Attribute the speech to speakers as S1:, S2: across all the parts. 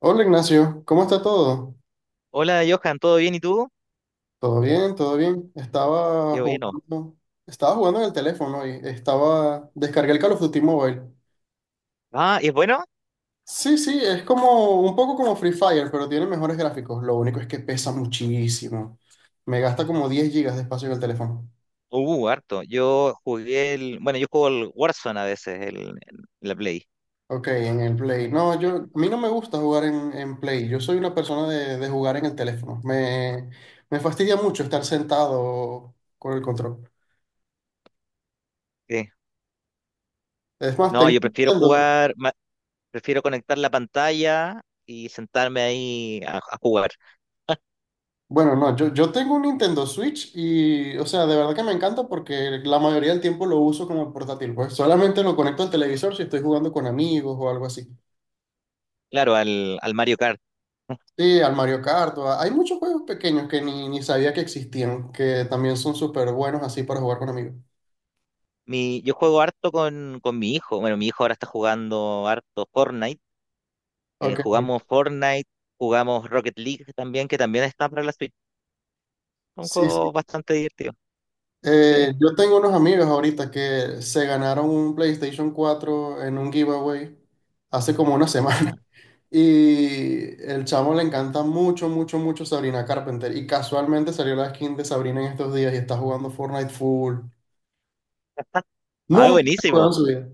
S1: Hola Ignacio, ¿cómo está todo?
S2: Hola Johan, ¿todo bien y tú?
S1: Todo bien, todo bien. Estaba
S2: Qué bueno.
S1: jugando, estaba jugando en el teléfono y estaba, descargué el Call of Duty Mobile.
S2: ¿Y ¿es bueno?
S1: Sí, sí, es como un poco como Free Fire, pero tiene mejores gráficos. Lo único es que pesa muchísimo. Me gasta como 10 gigas de espacio en el teléfono.
S2: Harto. Yo jugué el. Bueno, yo juego el Warzone a veces, la Play.
S1: Ok, en el Play. No, yo, a mí no me gusta jugar en Play. Yo soy una persona de jugar en el teléfono. Me fastidia mucho estar sentado con el control.
S2: Sí.
S1: Es más,
S2: No,
S1: tengo,
S2: yo
S1: un
S2: prefiero
S1: Nintendo.
S2: jugar, prefiero conectar la pantalla y sentarme ahí a jugar.
S1: Bueno, no, yo tengo un Nintendo Switch y, o sea, de verdad que me encanta porque la mayoría del tiempo lo uso como portátil, pues solamente lo conecto al televisor si estoy jugando con amigos o algo así.
S2: Claro, al Mario Kart.
S1: Sí, al Mario Kart, hay muchos juegos pequeños que ni sabía que existían, que también son súper buenos así para jugar con amigos.
S2: Yo juego harto con mi hijo. Bueno, mi hijo ahora está jugando harto Fortnite.
S1: Ok,
S2: Jugamos Fortnite, jugamos Rocket League también, que también está para la Switch. Un
S1: sí,
S2: juego
S1: sí.
S2: bastante divertido. Sí.
S1: Yo tengo unos amigos ahorita que se ganaron un PlayStation 4 en un giveaway hace como una
S2: Ah,
S1: semana. Y el chamo le encanta mucho, mucho, mucho Sabrina Carpenter. Y casualmente salió la skin de Sabrina en estos días y está jugando Fortnite full.
S2: ah,
S1: Nunca juega en
S2: buenísimo.
S1: su vida.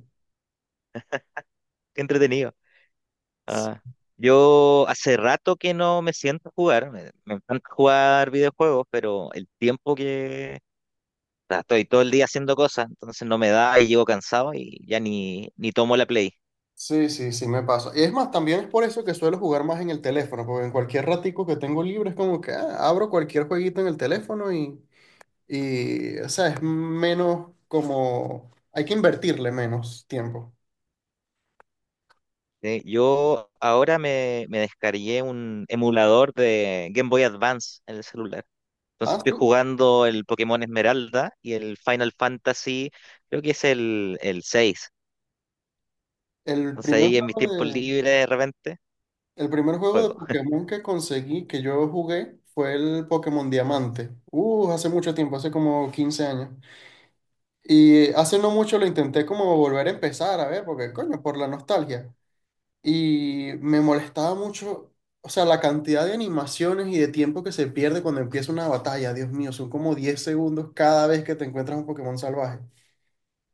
S2: Qué entretenido. Ah, yo hace rato que no me siento a jugar. Me encanta jugar videojuegos, pero el tiempo que o sea, estoy todo el día haciendo cosas, entonces no me da y llego cansado y ya ni, ni tomo la Play.
S1: Sí, sí, sí, me pasa. Y es más, también es por eso que suelo jugar más en el teléfono, porque en cualquier ratico que tengo libre es como que ah, abro cualquier jueguito en el teléfono y, o sea, es menos como, hay que invertirle menos tiempo.
S2: Yo ahora me descargué un emulador de Game Boy Advance en el celular. Entonces
S1: Ah,
S2: estoy
S1: sí.
S2: jugando el Pokémon Esmeralda y el Final Fantasy, creo que es el 6.
S1: El
S2: Entonces
S1: primer
S2: ahí en mis
S1: juego
S2: tiempos
S1: de,
S2: libres de repente.
S1: el primer juego de
S2: Juego
S1: Pokémon que conseguí, que yo jugué, fue el Pokémon Diamante. Hace mucho tiempo, hace como 15 años. Y hace no mucho lo intenté como volver a empezar, a ver, porque coño, por la nostalgia. Y me molestaba mucho, o sea, la cantidad de animaciones y de tiempo que se pierde cuando empieza una batalla. Dios mío, son como 10 segundos cada vez que te encuentras un Pokémon salvaje.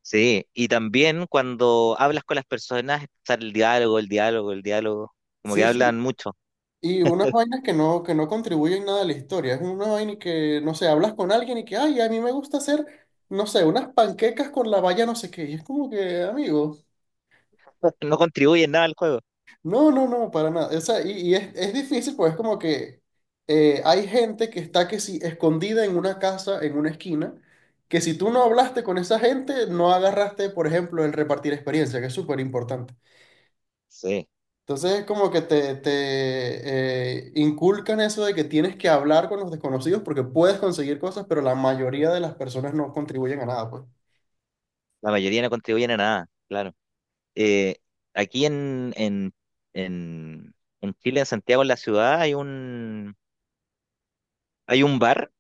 S2: sí, y también cuando hablas con las personas, está el diálogo, el diálogo, el diálogo, como que
S1: Sí,
S2: hablan
S1: sí.
S2: mucho,
S1: Y unas vainas que no contribuyen nada a la historia. Es una vaina y que, no sé, hablas con alguien y que, ay, a mí me gusta hacer, no sé, unas panquecas con la valla no sé qué. Y es como que, amigo,
S2: no contribuyen nada al juego.
S1: no, no, no, para nada. O sea, y es difícil, pues es como que hay gente que está que sí, escondida en una casa, en una esquina, que si tú no hablaste con esa gente, no agarraste, por ejemplo, el repartir experiencia, que es súper importante.
S2: Sí,
S1: Entonces es como que inculcan eso de que tienes que hablar con los desconocidos porque puedes conseguir cosas, pero la mayoría de las personas no contribuyen a nada, pues.
S2: la mayoría no contribuyen a nada, claro. Eh, aquí en, en Chile, en Santiago, en la ciudad, hay un bar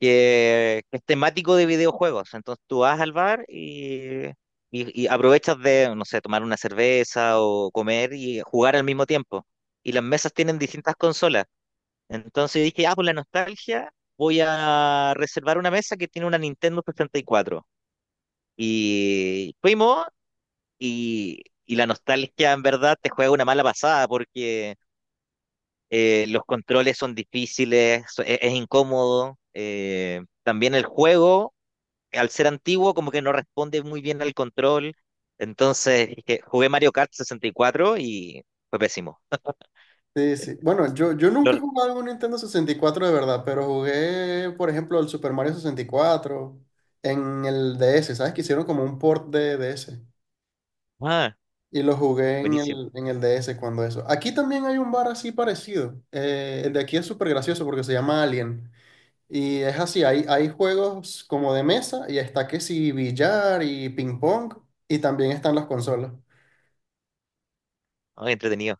S2: que es temático de videojuegos, entonces tú vas al bar y aprovechas de, no sé, tomar una cerveza o comer y jugar al mismo tiempo. Y las mesas tienen distintas consolas. Entonces dije, ah, por la nostalgia, voy a reservar una mesa que tiene una Nintendo sesenta y cuatro. Y fuimos, y la nostalgia en verdad te juega una mala pasada porque los controles son difíciles, es incómodo. También el juego, al ser antiguo, como que no responde muy bien al control. Entonces dije, jugué Mario Kart 64 y fue pésimo.
S1: Sí, sí. Bueno, yo nunca he
S2: Lo-
S1: jugado un Nintendo 64 de verdad, pero jugué, por ejemplo, el Super Mario 64 en el DS, ¿sabes? Que hicieron como un port de DS.
S2: ah,
S1: Y lo jugué en
S2: buenísimo,
S1: el, en el DS cuando eso. Aquí también hay un bar así parecido. El de aquí es súper gracioso porque se llama Alien. Y es así, hay juegos como de mesa y está que sí billar y ping pong y también están las consolas.
S2: ah, entretenido.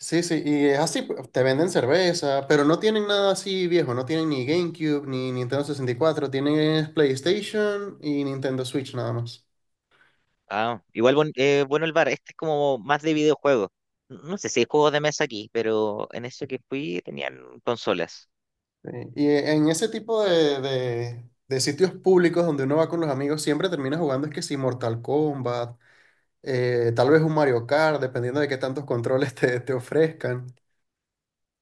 S1: Sí, sí, y es así, te venden cerveza, pero no tienen nada así viejo, no tienen ni GameCube ni Nintendo 64, tienen es PlayStation y Nintendo Switch nada más.
S2: Ah, igual bueno el bar, este es como más de videojuegos. No sé si hay juegos de mesa aquí, pero en eso que fui tenían consolas.
S1: Sí. Y en ese tipo de sitios públicos donde uno va con los amigos, siempre termina jugando es que si Mortal Kombat, tal vez un Mario Kart, dependiendo de qué tantos controles te ofrezcan.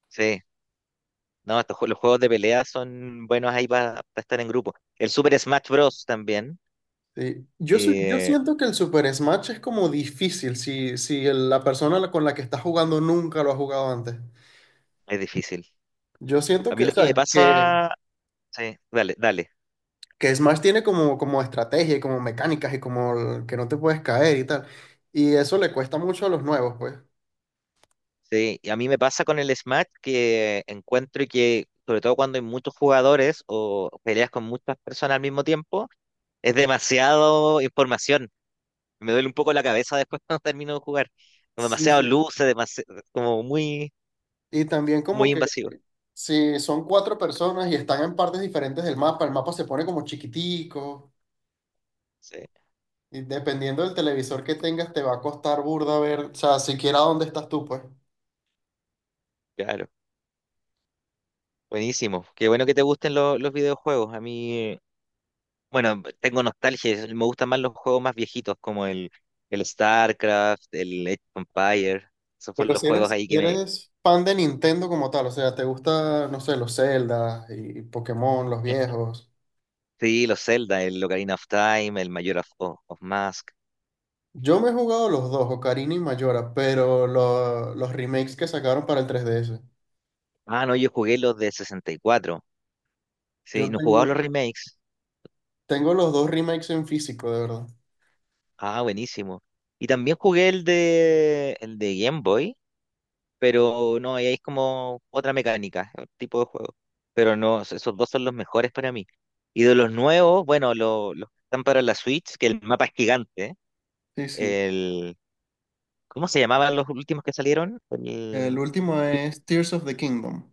S2: Sí, no, los juegos de pelea son buenos ahí para estar en grupo. El Super Smash Bros. También
S1: Sí. Yo
S2: eh,
S1: siento que el Super Smash es como difícil si, la persona con la que estás jugando nunca lo ha jugado antes.
S2: es difícil.
S1: Yo siento
S2: A mí
S1: que, o
S2: lo que me
S1: sea, que,
S2: pasa, sí, dale, dale.
S1: que Smash tiene como, como estrategia y como mecánicas y como que no te puedes caer y tal. Y eso le cuesta mucho a los nuevos, pues.
S2: Sí, y a mí me pasa con el Smash que encuentro que, sobre todo cuando hay muchos jugadores o peleas con muchas personas al mismo tiempo, es demasiado información. Me duele un poco la cabeza después cuando termino de jugar. Como
S1: Sí,
S2: demasiado
S1: sí.
S2: luces, como muy,
S1: Y también como
S2: muy
S1: que
S2: invasivo.
S1: si son cuatro personas y están en partes diferentes del mapa, el mapa se pone como chiquitico.
S2: Sí,
S1: Y dependiendo del televisor que tengas, te va a costar burda ver, o sea, siquiera dónde estás tú, pues.
S2: claro. Buenísimo. Qué bueno que te gusten los videojuegos. A mí, bueno, tengo nostalgia. Me gustan más los juegos más viejitos, como el StarCraft, el Age of Empires. Esos fueron
S1: Pero
S2: los
S1: si
S2: juegos
S1: eres,
S2: ahí
S1: si
S2: que me...
S1: eres fan de Nintendo como tal, o sea, te gusta, no sé, los Zelda y Pokémon, los viejos.
S2: Sí, los Zelda, el Ocarina of Time, el of Mask.
S1: Yo me he jugado los dos, Ocarina y Majora, pero los remakes que sacaron para el 3DS.
S2: Ah, no, yo jugué los de sesenta y cuatro. Sí,
S1: Yo
S2: no jugaba
S1: tengo,
S2: los remakes.
S1: tengo los dos remakes en físico, de verdad.
S2: Ah, buenísimo. Y también jugué el de Game Boy, pero no, ahí es como otra mecánica, otro tipo de juego. Pero no, esos dos son los mejores para mí. Y de los nuevos, bueno, los que están para la Switch, que el mapa es gigante. ¿Eh?
S1: Sí, sí.
S2: El, ¿cómo se llamaban los últimos que salieron?
S1: El
S2: El
S1: último es Tears of the Kingdom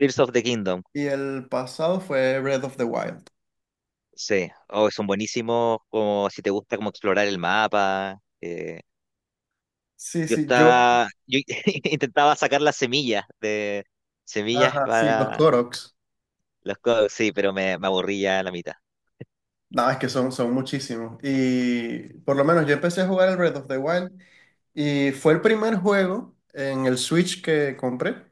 S2: Tears of the Kingdom.
S1: y el pasado fue Breath of the Wild.
S2: Sí, oh, son buenísimos, como si te gusta como explorar el mapa.
S1: Sí,
S2: Yo
S1: sí, yo.
S2: estaba, yo intentaba sacar las semillas
S1: Ajá, sí, los
S2: para
S1: Koroks.
S2: los codos, sí, pero me aburrí ya a la mitad.
S1: No, es que son, son muchísimos. Y por lo menos yo empecé a jugar el Breath of the Wild y fue el primer juego en el Switch que compré.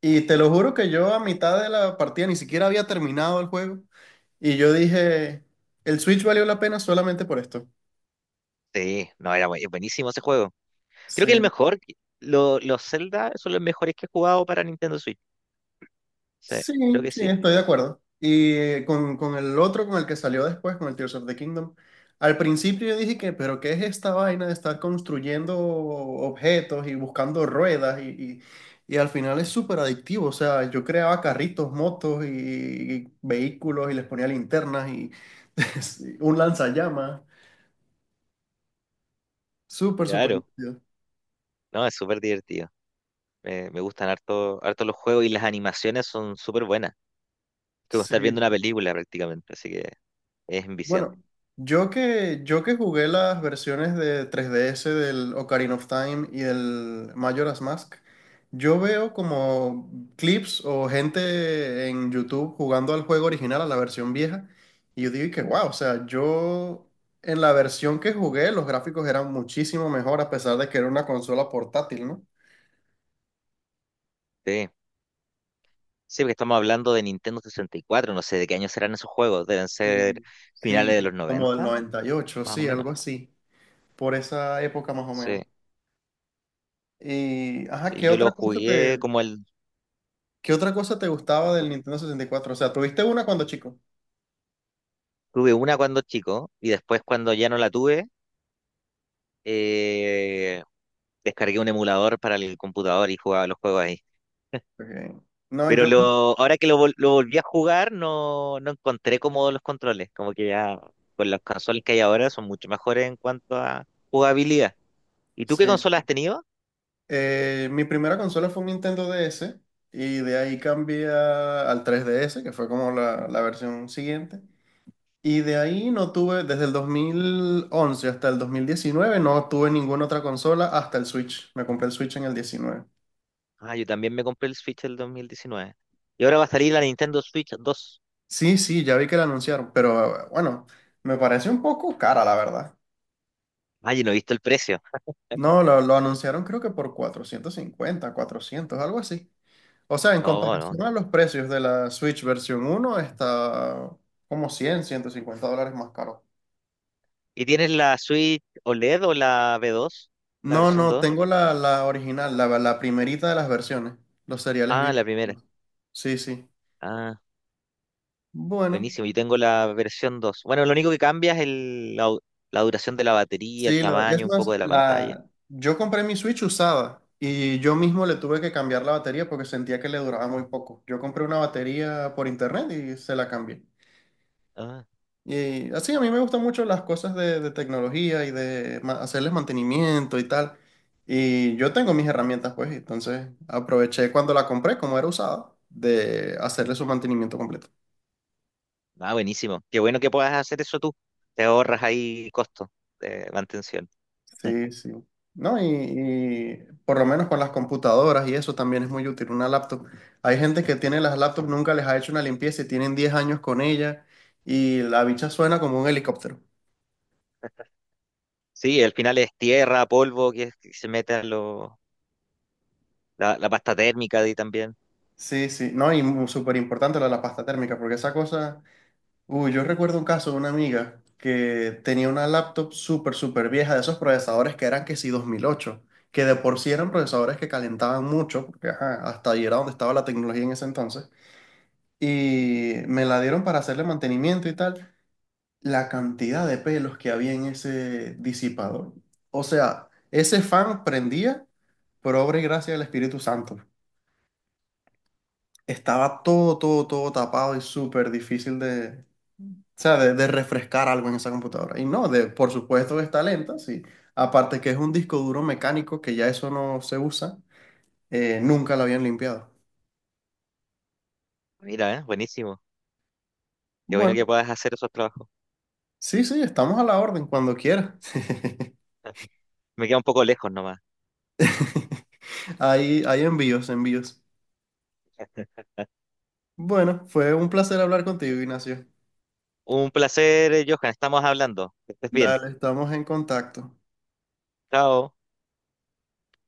S1: Y te lo juro que yo a mitad de la partida ni siquiera había terminado el juego. Y yo dije, el Switch valió la pena solamente por esto.
S2: Sí, no, era buenísimo ese juego. Creo que el
S1: Sí.
S2: mejor, los Zelda son los mejores que he jugado para Nintendo Switch. Sí,
S1: Sí,
S2: creo que
S1: sí,
S2: sí.
S1: estoy de acuerdo. Y con el otro, con el que salió después, con el Tears of the Kingdom, al principio yo dije que, pero ¿qué es esta vaina de estar construyendo objetos y buscando ruedas? Y al final es súper adictivo. O sea, yo creaba carritos, motos y vehículos y les ponía linternas y un lanzallamas. Súper, súper
S2: Claro,
S1: divertido.
S2: no, es súper divertido. Me gustan harto, harto los juegos y las animaciones son súper buenas. Es como
S1: Sí.
S2: estar viendo una película prácticamente, así que es
S1: Bueno,
S2: enviciante.
S1: yo que jugué las versiones de 3DS del Ocarina of Time y el Majora's Mask, yo veo como clips o gente en YouTube jugando al juego original, a la versión vieja, y yo digo que wow, o sea, yo en la versión que jugué los gráficos eran muchísimo mejor a pesar de que era una consola portátil, ¿no?
S2: Sí. Sí, porque estamos hablando de Nintendo 64, no sé de qué año serán esos juegos, deben ser
S1: Mm. Sí,
S2: finales de los
S1: como del
S2: 90,
S1: 98,
S2: más o
S1: sí,
S2: menos.
S1: algo así, por esa época más o
S2: Sí,
S1: menos. Y, ajá,
S2: sí,
S1: ¿qué
S2: yo lo
S1: otra cosa
S2: jugué
S1: te,
S2: como el...
S1: ¿qué otra cosa te gustaba del Nintendo 64? O sea, ¿tuviste una cuando chico?
S2: Tuve una cuando chico y después cuando ya no la tuve, eh, descargué un emulador para el computador y jugaba los juegos ahí.
S1: Ok. No,
S2: Pero
S1: yo,
S2: lo, ahora que lo, lo volví a jugar, no, no encontré cómodos los controles, como que ya con las consolas que hay ahora son mucho mejores en cuanto a jugabilidad. ¿Y tú qué
S1: sí.
S2: consolas
S1: Sí.
S2: has tenido?
S1: Mi primera consola fue un Nintendo DS y de ahí cambié al 3DS, que fue como la versión siguiente. Y de ahí no tuve, desde el 2011 hasta el 2019 no tuve ninguna otra consola hasta el Switch. Me compré el Switch en el 19.
S2: Ah, yo también me compré el Switch el 2019. Y ahora va a salir la Nintendo Switch 2.
S1: Sí, sí, ya vi que la anunciaron, pero bueno, me parece un poco cara, la verdad.
S2: Ah, yo no he visto el precio.
S1: No, lo anunciaron creo que por 450, 400, algo así. O sea, en
S2: No, no.
S1: comparación a los precios de la Switch versión uno está como 100, $150 más caro.
S2: ¿Y tienes la Switch OLED o la B2? ¿La
S1: No,
S2: versión
S1: no,
S2: 2?
S1: tengo la original, la primerita de las versiones, los seriales
S2: Ah, la
S1: viejos.
S2: primera.
S1: Sí, sí.
S2: Ah,
S1: Bueno,
S2: buenísimo. Yo tengo la versión 2. Bueno, lo único que cambia es la, la duración de la batería, el
S1: sí, lo, es
S2: tamaño, un poco
S1: más,
S2: de la pantalla.
S1: la, yo compré mi Switch usada y yo mismo le tuve que cambiar la batería porque sentía que le duraba muy poco. Yo compré una batería por internet y se la cambié.
S2: Ah,
S1: Y así, a mí me gustan mucho las cosas de tecnología y de hacerles mantenimiento y tal. Y yo tengo mis herramientas, pues, entonces aproveché cuando la compré, como era usada, de hacerle su mantenimiento completo.
S2: ah, buenísimo. Qué bueno que puedas hacer eso tú. Te ahorras ahí costo de mantención.
S1: Sí, sí. No, y por lo menos con las computadoras y eso también es muy útil, una laptop. Hay gente que tiene las laptops, nunca les ha hecho una limpieza y tienen 10 años con ella y la bicha suena como un helicóptero.
S2: Sí, al final es tierra, polvo que se mete a lo, la pasta térmica de ahí también.
S1: Sí, sí, no, y súper importante lo de la pasta térmica, porque esa cosa... Uy, yo recuerdo un caso de una amiga que tenía una laptop súper, súper vieja de esos procesadores que eran que sí 2008, que de por sí eran procesadores que calentaban mucho, porque ajá, hasta ahí era donde estaba la tecnología en ese entonces, y me la dieron para hacerle mantenimiento y tal. La cantidad de pelos que había en ese disipador. O sea, ese fan prendía por obra y gracia del Espíritu Santo. Estaba todo, todo, todo tapado y súper difícil de, o sea, de refrescar algo en esa computadora. Y no, de, por supuesto que está lenta, sí. Aparte que es un disco duro mecánico que ya eso no se usa, nunca lo habían limpiado.
S2: Mira, ¿eh? Buenísimo. Qué bueno que
S1: Bueno,
S2: puedas hacer esos trabajos.
S1: sí, sí, estamos a la orden cuando quiera.
S2: Me queda un poco lejos nomás.
S1: Hay envíos, envíos. Bueno, fue un placer hablar contigo, Ignacio.
S2: Un placer, Johan. Estamos hablando. Que estés bien.
S1: Dale, estamos en contacto.
S2: Chao.